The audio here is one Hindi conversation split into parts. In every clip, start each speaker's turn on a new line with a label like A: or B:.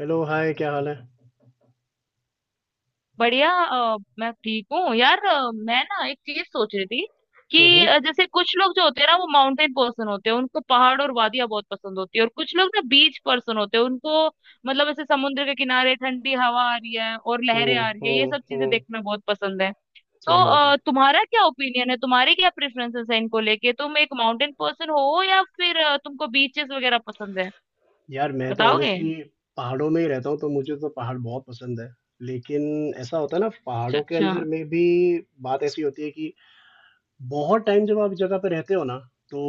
A: हेलो हाय, क्या हाल है?
B: बढ़िया। मैं ठीक हूँ यार। मैं ना एक चीज सोच रही थी कि
A: हम्म।
B: जैसे कुछ लोग जो होते हैं ना वो माउंटेन पर्सन होते हैं, उनको पहाड़ और वादियां बहुत पसंद होती है। और कुछ लोग ना बीच पर्सन होते हैं, उनको मतलब ऐसे समुद्र के किनारे ठंडी हवा आ रही है और
A: हम्म।
B: लहरें आ रही है, ये
A: हम्म।
B: सब चीजें
A: हम्म।
B: देखना बहुत पसंद है। तो
A: सही बात है।
B: तुम्हारा क्या ओपिनियन है, तुम्हारे क्या प्रेफरेंसेस है इनको लेके? तुम एक माउंटेन पर्सन हो या फिर तुमको बीचेस वगैरह पसंद है?
A: यार, मैं तो
B: बताओगे?
A: ऑनेस्टली पहाड़ों में ही रहता हूँ, तो मुझे तो पहाड़ बहुत पसंद है। लेकिन ऐसा होता है ना,
B: अच्छा,
A: पहाड़ों के
B: अच्छा।
A: अंदर
B: हम्म।
A: में भी बात ऐसी होती है कि बहुत टाइम जब आप जगह पे रहते हो ना, तो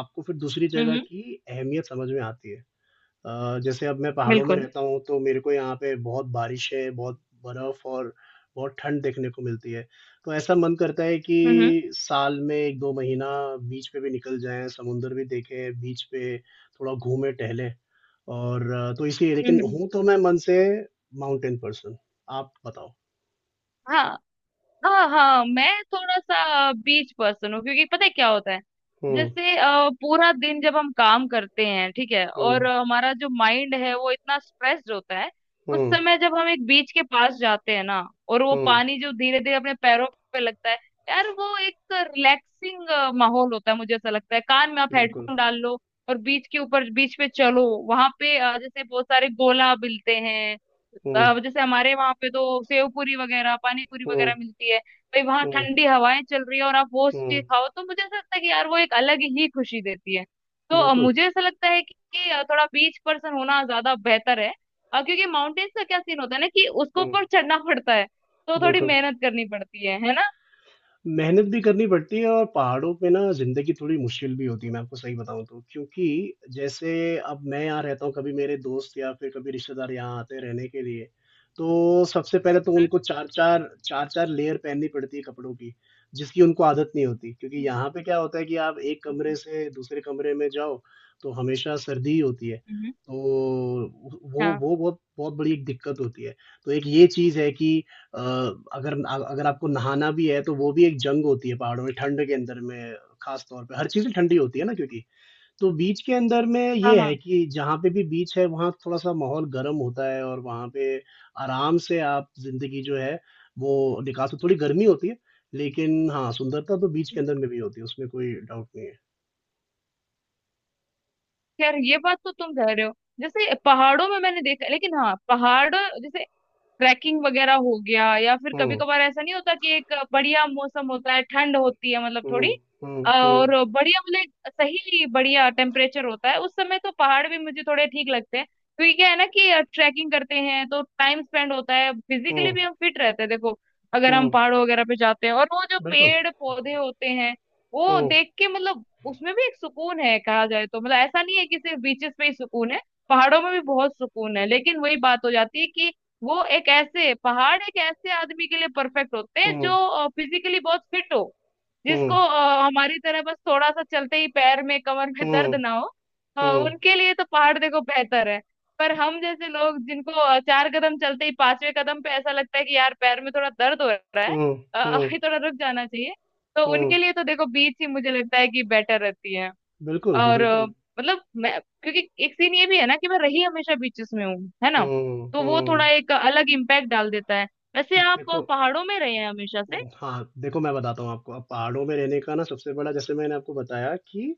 A: आपको फिर दूसरी जगह
B: हम्म।
A: की अहमियत समझ में आती है। जैसे अब मैं पहाड़ों में
B: बिल्कुल।
A: रहता हूँ, तो मेरे को यहाँ पे बहुत बारिशें, बहुत बर्फ और बहुत ठंड देखने को मिलती है। तो ऐसा मन करता है
B: हम्म।
A: कि साल में 1-2 महीना बीच पे भी निकल जाएँ, समुंदर भी देखें, बीच पे थोड़ा घूमें, टहलें। और तो इसलिए, लेकिन
B: हम्म। हम्म।
A: हूँ तो मैं मन से माउंटेन पर्सन। आप बताओ?
B: हाँ। हाँ, हाँ, मैं थोड़ा सा बीच पर्सन हूँ, क्योंकि पता है क्या होता है।
A: हुँ।
B: जैसे पूरा दिन जब हम काम करते हैं ठीक है, और
A: हुँ।
B: हमारा जो माइंड है वो इतना स्ट्रेस्ड होता है, उस
A: हुँ।
B: समय जब हम एक बीच के पास जाते हैं ना, और वो
A: हुँ।
B: पानी जो धीरे धीरे अपने पैरों पे लगता है, यार वो एक रिलैक्सिंग माहौल होता है। मुझे ऐसा लगता है कान में आप
A: बिल्कुल।
B: हेडफोन डाल लो और बीच के ऊपर बीच पे चलो, वहां पे जैसे बहुत सारे गोला मिलते हैं।
A: हुँ।
B: अब जैसे हमारे वहां पे तो सेव पूरी वगैरह पानी पूरी
A: हुँ।
B: वगैरह मिलती है भाई, वहां
A: हुँ।
B: ठंडी हवाएं चल रही है और आप वो चीज
A: हुँ।
B: खाओ, तो मुझे ऐसा लगता है कि यार वो एक अलग ही खुशी देती है। तो
A: बिल्कुल।
B: मुझे ऐसा लगता है कि थोड़ा बीच पर्सन होना ज्यादा बेहतर है। क्योंकि माउंटेन्स का क्या सीन होता है ना, कि उसको
A: हुँ।
B: ऊपर चढ़ना पड़ता है, तो थोड़ी
A: बिल्कुल।
B: मेहनत करनी पड़ती है ना।
A: मेहनत भी करनी पड़ती है, और पहाड़ों पे ना ज़िंदगी थोड़ी मुश्किल भी होती है, मैं आपको सही बताऊँ तो। क्योंकि जैसे अब मैं यहाँ रहता हूँ, कभी मेरे दोस्त या फिर कभी रिश्तेदार यहाँ आते हैं रहने के लिए, तो सबसे पहले तो उनको 4-4 लेयर पहननी पड़ती है कपड़ों की, जिसकी उनको आदत नहीं होती। क्योंकि
B: हम्म।
A: यहाँ पे क्या होता है कि आप एक कमरे
B: हम्म।
A: से दूसरे कमरे में जाओ, तो हमेशा सर्दी ही होती है।
B: हम्म।
A: तो वो
B: हाँ,
A: वो बहुत बहुत बड़ी एक दिक्कत होती है। तो एक ये चीज़ है कि अ, अगर आपको नहाना भी है, तो वो भी एक जंग होती है पहाड़ों में, ठंड के अंदर में, खास तौर पे। हर चीज़ें ठंडी होती है ना क्योंकि। तो बीच के अंदर में
B: हाँ,
A: ये है
B: हाँ।
A: कि जहाँ पे भी बीच है, वहाँ थोड़ा-सा माहौल गर्म होता है, और वहाँ पे आराम से आप ज़िंदगी जो है, वो निकाल सकते। थोड़ी गर्मी होती है, लेकिन हाँ, सुंदरता तो बीच के अंदर में भी होती है, उसमें कोई डाउट नहीं है।
B: खैर ये बात तो तुम कह रहे हो। जैसे पहाड़ों में मैंने देखा, लेकिन हाँ पहाड़ जैसे ट्रैकिंग वगैरह हो गया, या फिर कभी
A: हुँ।
B: कभार ऐसा नहीं होता कि एक बढ़िया मौसम होता है, ठंड होती है, मतलब
A: हुँ।
B: थोड़ी
A: हुँ। हुँ।
B: और बढ़िया, मतलब एक सही बढ़िया टेम्परेचर होता है, उस समय तो पहाड़ भी मुझे थोड़े ठीक लगते हैं। क्योंकि क्या है ना कि ट्रैकिंग करते हैं तो टाइम स्पेंड होता है, फिजिकली
A: हुँ।
B: भी हम फिट रहते हैं, देखो अगर हम
A: हुँ।
B: पहाड़ों वगैरह पे जाते हैं और वो जो
A: बिल्कुल।
B: पेड़ पौधे होते हैं, वो
A: हुँ।
B: देख के, मतलब उसमें भी एक सुकून है कहा जाए तो, मतलब ऐसा नहीं है कि सिर्फ बीचेस पे ही सुकून है, पहाड़ों में भी बहुत सुकून है। लेकिन वही बात हो जाती है कि वो एक ऐसे पहाड़ एक ऐसे आदमी के लिए परफेक्ट होते हैं
A: हुँ,
B: जो फिजिकली बहुत फिट हो, जिसको
A: हुँ,
B: हमारी तरह बस थोड़ा सा चलते ही पैर में कमर में
A: हुँ,
B: दर्द ना हो।
A: हुँ,
B: उनके लिए तो पहाड़ देखो बेहतर है। पर हम जैसे लोग जिनको चार कदम चलते ही पांचवें कदम पे ऐसा लगता है कि यार पैर में थोड़ा दर्द हो रहा है,
A: हुँ, हुँ,
B: अभी थोड़ा रुक जाना चाहिए, तो
A: हुँ।
B: उनके लिए तो देखो बीच ही मुझे लगता है कि बेटर रहती है।
A: बिल्कुल,
B: और
A: बिल्कुल।
B: मतलब मैं, क्योंकि एक सीन ये भी है ना कि मैं रही हमेशा बीचेस में हूँ, है ना,
A: हुँ,
B: तो वो थोड़ा
A: हुँ।
B: एक अलग इम्पैक्ट डाल देता है। वैसे आप
A: देखो
B: पहाड़ों में रहे हैं हमेशा से?
A: हाँ, देखो मैं बताता हूँ आपको, अब पहाड़ों में रहने का ना सबसे बड़ा जैसे मैंने आपको बताया कि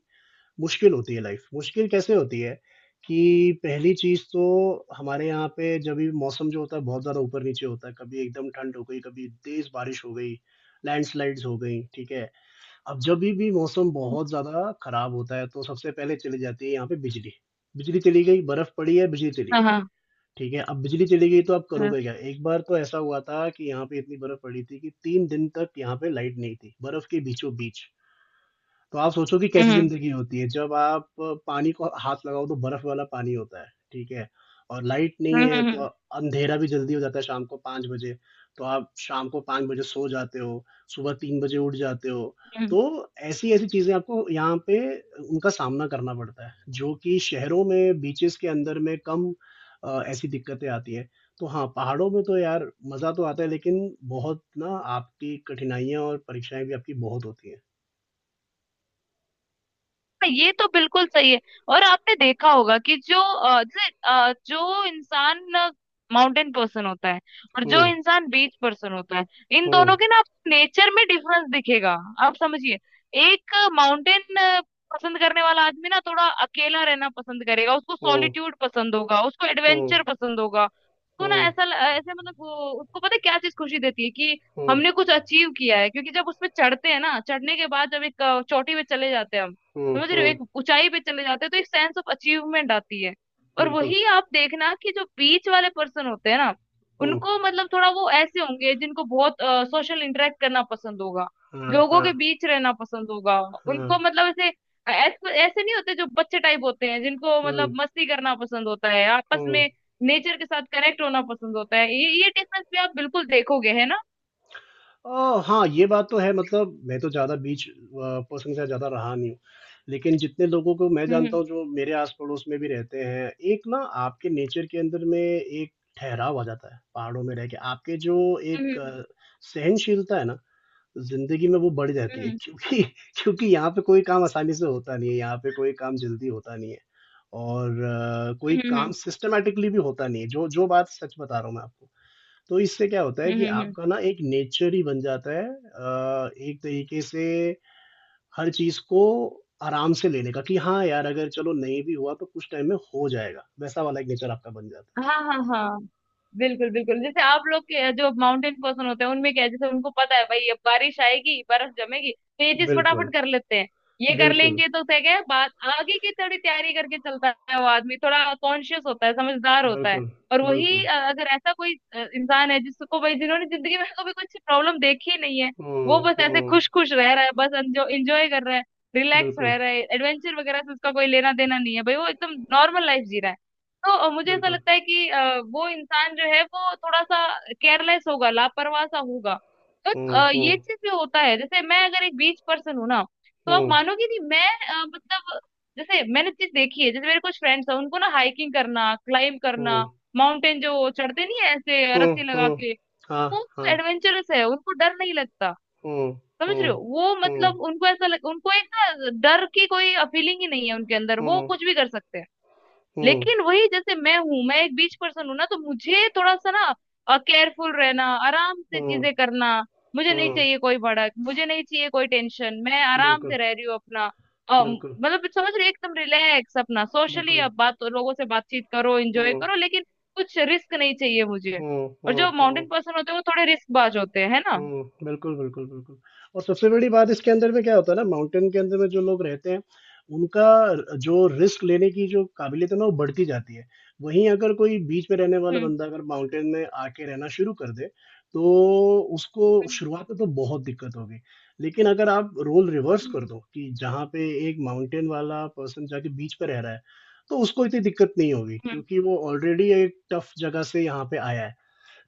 A: मुश्किल होती है लाइफ़। मुश्किल कैसे होती है कि पहली चीज़ तो हमारे यहाँ पे जब भी मौसम जो होता है बहुत ज़्यादा ऊपर-नीचे होता है, कभी एकदम ठंड हो गई, कभी तेज़ बारिश हो गई, लैंडस्लाइड्स हो गई, ठीक है? अब जभी भी मौसम बहुत ज़्यादा खराब होता है तो सबसे पहले चली जाती है यहाँ पे बिजली। बिजली चली गई, बर्फ़ पड़ी है, बिजली चली
B: हाँ,
A: गई।
B: हाँ।
A: ठीक है, अब बिजली चली गई तो आप
B: हम्म।
A: करोगे क्या? एक बार तो ऐसा हुआ था कि यहाँ पे इतनी बर्फ पड़ी थी कि 3 दिन तक यहाँ पे लाइट नहीं थी, बर्फ के बीचों-बीच। तो आप सोचो कि कैसी
B: हम्म।
A: जिंदगी होती है जब आप अ, पानी को हाथ लगाओ तो बर्फ वाला पानी होता है ठीक है और लाइट
B: हम्म।
A: नहीं है
B: हम्म।
A: तो
B: हम्म।
A: अंधेरा भी जल्दी हो जाता है शाम को 5 बजे तो आप शाम को 5 बजे सो जाते हो सुबह 3 बजे उठ जाते हो
B: हम्म।
A: तो ऐसी ऐसी चीजें आपको यहाँ पे उनका सामना करना पड़ता है जो कि शहरों में बीचेस के अंदर में कम अ, ऐसी दिक्कतें आती है तो हाँ पहाड़ों में तो यार मजा तो आता है लेकिन बहुत ना आपकी कठिनाइयां और परीक्षाएं भी आपकी बहुत होती हैं
B: हाँ, ये तो बिल्कुल सही है। और आपने देखा होगा कि जो जैसे जो इंसान माउंटेन पर्सन होता है और जो
A: हम्म
B: इंसान बीच पर्सन होता है, इन
A: हम्म
B: दोनों के ना आप नेचर में डिफरेंस दिखेगा। आप समझिए, एक माउंटेन पसंद करने वाला आदमी ना थोड़ा अकेला रहना पसंद करेगा, उसको
A: हुँ,
B: सॉलिट्यूड पसंद होगा, उसको
A: हुँ,
B: एडवेंचर पसंद होगा, उसको ना
A: हुँ,
B: ऐसा ऐसे, मतलब वो उसको पता है क्या चीज खुशी देती है कि
A: हुँ,
B: हमने कुछ अचीव किया है। क्योंकि जब उसमें चढ़ते हैं ना, चढ़ने के बाद जब एक चोटी पे चले जाते हैं हम,
A: हुँ,
B: समझ रहे हो,
A: हुँ,
B: एक ऊंचाई पे चले जाते हो तो एक सेंस ऑफ अचीवमेंट आती है। और
A: बिल्कुल।
B: वही आप देखना कि जो बीच वाले पर्सन होते हैं ना,
A: हुँ,
B: उनको मतलब थोड़ा वो ऐसे होंगे जिनको बहुत सोशल इंटरेक्ट करना पसंद होगा,
A: हाँ।
B: लोगों के
A: हाँ।
B: बीच रहना पसंद होगा,
A: हाँ।
B: उनको मतलब ऐसे ऐसे नहीं होते जो बच्चे टाइप होते हैं जिनको मतलब
A: हुँ।
B: मस्ती करना पसंद होता है आपस
A: हुँ।
B: में, नेचर के साथ कनेक्ट होना पसंद होता है। ये डिफरेंस भी आप बिल्कुल देखोगे, है ना।
A: हाँ, ये बात तो है। मतलब मैं तो ज़्यादा बीच पर्सन के साथ ज़्यादा रहा नहीं हूँ। लेकिन जितने लोगों को मैं जानता
B: हम्म।
A: हूँ जो मेरे आस-पड़ोस में भी रहते हैं, एक ना आपके नेचर के अंदर में एक ठहराव आ जाता है, पहाड़ों में रह के। आपके जो एक
B: हम्म।
A: सहनशीलता है ना ज़िंदगी में, वो बढ़ जाती है,
B: हम्म।
A: क्योंकि क्योंकि यहाँ पे कोई काम आसानी से होता नहीं है, यहाँ पे कोई काम जल्दी होता नहीं है, और कोई
B: हम्म। हम्म।
A: काम
B: हम्म।
A: सिस्टमैटिकली भी होता नहीं है, जो जो बात सच बता रहा हूँ मैं आपको। तो इससे क्या होता है
B: हम्म।
A: कि
B: हम्म। हम्म। हम्म।
A: आपका ना एक नेचर ही बन जाता है एक तरीके से, हर चीज को आराम से लेने का कि हाँ यार, अगर चलो नहीं भी हुआ तो कुछ टाइम में हो जाएगा, वैसा वाला एक नेचर आपका बन जाता
B: हाँ, हाँ, हाँ, बिल्कुल बिल्कुल, जैसे आप लोग के जो माउंटेन पर्सन होते हैं उनमें क्या है, जैसे उनको पता है भाई अब बारिश आएगी बर्फ जमेगी, तो ये
A: है।
B: चीज फटाफट
A: बिल्कुल।
B: कर लेते हैं। ये कर
A: बिल्कुल।
B: लेंगे तो क्या, क्या है बात, आगे की थोड़ी तैयारी करके चलता है। वो आदमी थोड़ा कॉन्शियस होता है, समझदार होता है।
A: बिल्कुल।
B: और वही
A: बिल्कुल।
B: अगर ऐसा कोई इंसान है जिसको भाई जिन्होंने जिंदगी में कभी कुछ प्रॉब्लम देखी नहीं है, वो
A: हम्म।
B: बस ऐसे
A: हम्म।
B: खुश खुश रह रहा है, बस एंजॉय कर रहा है, रिलैक्स रह
A: बिल्कुल।
B: रहा है, एडवेंचर वगैरह से उसका कोई लेना देना नहीं है भाई, वो एकदम नॉर्मल लाइफ जी रहा है। तो मुझे ऐसा
A: बिल्कुल।
B: लगता है कि वो इंसान जो है वो थोड़ा सा केयरलेस होगा, लापरवाह सा होगा। तो
A: हम्म।
B: ये
A: हम्म।
B: चीज भी होता है, जैसे मैं अगर एक बीच पर्सन हूँ ना, तो आप
A: हम्म।
B: मानोगे नहीं, मैं मतलब जैसे मैंने चीज देखी है, जैसे मेरे कुछ फ्रेंड्स हैं, उनको ना हाइकिंग करना, क्लाइंब करना,
A: हम्म।
B: माउंटेन जो चढ़ते नहीं है ऐसे
A: हम्म।
B: रस्सी लगा
A: हम्म।
B: के,
A: हाँ।
B: वो
A: हाँ।
B: एडवेंचरस है, उनको डर नहीं लगता।
A: हम्म।
B: समझ रहे
A: हम्म।
B: हो वो,
A: हम्म।
B: मतलब उनको ऐसा लग, उनको एक ना डर की कोई फीलिंग ही नहीं है उनके अंदर, वो
A: हम्म।
B: कुछ भी कर सकते हैं।
A: हम्म।
B: लेकिन वही जैसे मैं हूं, मैं एक बीच पर्सन हूं ना, तो मुझे थोड़ा सा ना केयरफुल रहना, आराम से
A: हम्म।
B: चीजें करना, मुझे नहीं
A: हम्म।
B: चाहिए कोई भड़क, मुझे नहीं चाहिए कोई टेंशन, मैं आराम से
A: बिल्कुल।
B: रह रही हूँ अपना,
A: बिल्कुल।
B: मतलब समझ रही हो, एकदम रिलैक्स अपना, सोशली
A: बिल्कुल।
B: अब बात लोगों से बातचीत करो, एंजॉय
A: हम्म।
B: करो, लेकिन कुछ रिस्क नहीं चाहिए मुझे।
A: हम्म।
B: और जो
A: हम्म। हम्म।
B: माउंटेन पर्सन होते हैं वो थोड़े रिस्क बाज होते हैं, है ना।
A: हम्म। बिल्कुल। बिल्कुल। बिल्कुल। और सबसे बड़ी बात इसके अंदर में क्या होता है ना, माउंटेन के अंदर में जो लोग रहते हैं, उनका जो रिस्क लेने की जो काबिलियत है ना, वो बढ़ती जाती है। वहीं अगर कोई बीच में रहने वाला
B: हम्म।
A: बंदा अगर माउंटेन में आके रहना शुरू कर दे, तो उसको
B: हम्म।
A: शुरुआत में तो बहुत दिक्कत होगी। लेकिन अगर आप रोल रिवर्स
B: हम्म।
A: कर दो कि जहाँ पे एक माउंटेन वाला पर्सन जाके बीच पे रह रहा है, तो उसको इतनी दिक्कत नहीं होगी, क्योंकि वो ऑलरेडी एक टफ जगह से यहाँ पे आया है।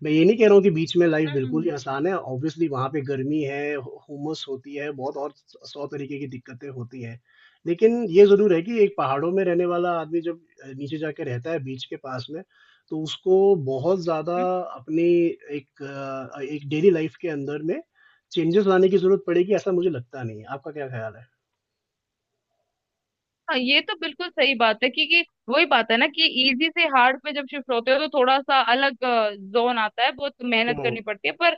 A: मैं ये नहीं कह रहा हूँ कि बीच में लाइफ बिल्कुल ही
B: हम्म।
A: आसान है, ऑब्वियसली वहाँ पे गर्मी है, हुमस होती है बहुत, और सौ तरीके की दिक्कतें होती हैं। लेकिन ये जरूर है कि एक पहाड़ों में रहने वाला आदमी जब नीचे जाके रहता है बीच के पास में, तो उसको बहुत ज्यादा
B: हम्म।
A: अपनी एक डेली लाइफ के अंदर में चेंजेस लाने की जरूरत पड़ेगी, ऐसा मुझे लगता नहीं है। आपका क्या ख्याल है?
B: हाँ, ये तो बिल्कुल सही बात है, क्योंकि वही बात है ना कि इजी से हार्ड पे जब शिफ्ट होते हो तो थोड़ा सा अलग जोन आता है, बहुत मेहनत
A: हम्म।
B: करनी पड़ती है। पर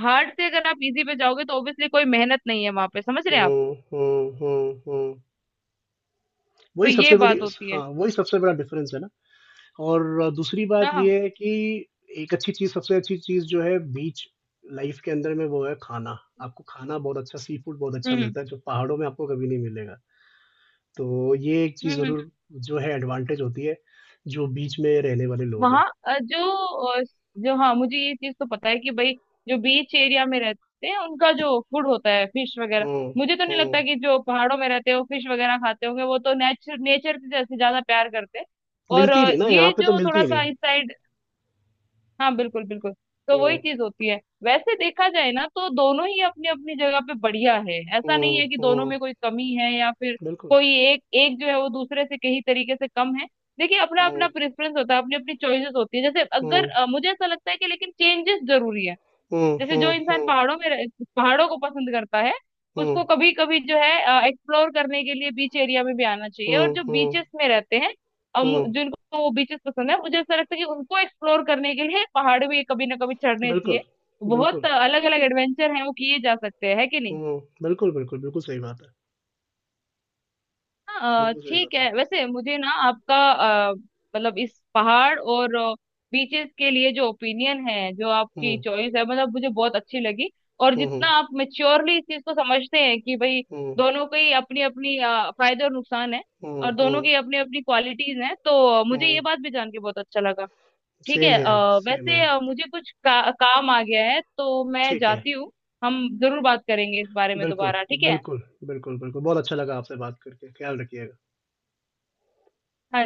B: हार्ड से अगर आप इजी पे जाओगे तो ऑब्वियसली कोई मेहनत नहीं है वहां पे, समझ रहे हैं आप,
A: हम्म। हम्म। हम्म। हम्म।
B: तो
A: वही
B: ये
A: सबसे बड़ी
B: बात होती
A: हाँ,
B: है।
A: वही सबसे बड़ा डिफरेंस है ना। और दूसरी बात
B: हाँ।
A: ये है कि एक अच्छी चीज सबसे अच्छी चीज जो है बीच लाइफ के अंदर में, वो है खाना। आपको खाना बहुत अच्छा, सी फूड बहुत अच्छा
B: हम्म।
A: मिलता है, जो पहाड़ों में आपको कभी नहीं मिलेगा। तो ये एक
B: हम्म।
A: चीज
B: हम्म।
A: जरूर जो है एडवांटेज होती है जो बीच में रहने वाले लोग हैं।
B: वहाँ जो जो हाँ, मुझे ये चीज तो पता है कि भाई जो बीच एरिया में रहते हैं उनका जो फूड होता है फिश वगैरह,
A: हम्म।
B: मुझे तो नहीं
A: हम्म।
B: लगता कि जो पहाड़ों में रहते हैं वो फिश वगैरह खाते होंगे, वो तो नेचर नेचर से जैसे ज्यादा प्यार करते हैं। और
A: मिलती नहीं ना, यहाँ
B: ये
A: पे तो
B: जो थोड़ा
A: मिलती
B: सा
A: नहीं।
B: इस साइड, हाँ बिल्कुल बिल्कुल, तो वही
A: हम्म।
B: चीज होती है। वैसे देखा जाए ना, तो दोनों ही अपनी अपनी जगह पे बढ़िया है, ऐसा
A: हम्म।
B: नहीं है कि दोनों
A: हम्म।
B: में कोई कमी है, या फिर
A: बिल्कुल।
B: कोई एक एक जो है वो दूसरे से कहीं तरीके से कम है। देखिए अपना
A: हम्म।
B: अपना प्रेफरेंस होता है, अपनी अपनी चॉइसेस होती है। जैसे अगर
A: हम्म।
B: मुझे ऐसा लगता है कि लेकिन चेंजेस जरूरी है।
A: हम्म।
B: जैसे
A: हम्म।
B: जो इंसान
A: हम्म।
B: पहाड़ों में पहाड़ों को पसंद करता है,
A: हम्म।
B: उसको कभी कभी जो है एक्सप्लोर करने के लिए बीच एरिया में भी आना चाहिए।
A: हम्म।
B: और जो
A: हम्म।
B: बीचेस में रहते हैं और
A: हम्म।
B: जिनको वो बीचेस पसंद है, मुझे ऐसा लगता है कि उनको एक्सप्लोर करने के लिए पहाड़ भी कभी ना कभी चढ़ने चाहिए।
A: बिल्कुल।
B: बहुत
A: बिल्कुल।
B: अलग अलग एडवेंचर हैं वो किए जा सकते हैं, है कि नहीं।
A: हम्म। बिल्कुल। बिल्कुल। बिल्कुल सही बात है।
B: हाँ,
A: बिल्कुल सही
B: ठीक
A: बात है।
B: है, वैसे मुझे ना आपका मतलब इस पहाड़ और बीचेस के लिए जो ओपिनियन है, जो
A: हुँ।
B: आपकी चॉइस है, मतलब मुझे बहुत अच्छी लगी। और
A: हुँ।
B: जितना
A: हुँ।
B: आप मेच्योरली इस चीज को समझते हैं कि भाई
A: हुँ।
B: दोनों की अपनी अपनी फायदे और नुकसान है, और
A: हुँ।
B: दोनों
A: हुँ।
B: की अपनी अपनी क्वालिटीज हैं, तो मुझे ये
A: हुँ।
B: बात भी जान के बहुत अच्छा लगा। ठीक
A: सेम
B: है,
A: हियर, सेम
B: वैसे
A: हियर।
B: मुझे कुछ काम आ गया है, तो मैं
A: ठीक है।
B: जाती हूँ। हम जरूर बात करेंगे इस बारे में
A: बिल्कुल,
B: दोबारा, ठीक है।
A: बिल्कुल, बिल्कुल, बिल्कुल। बहुत अच्छा लगा आपसे बात करके। ख़्याल रखिए।
B: हाँ।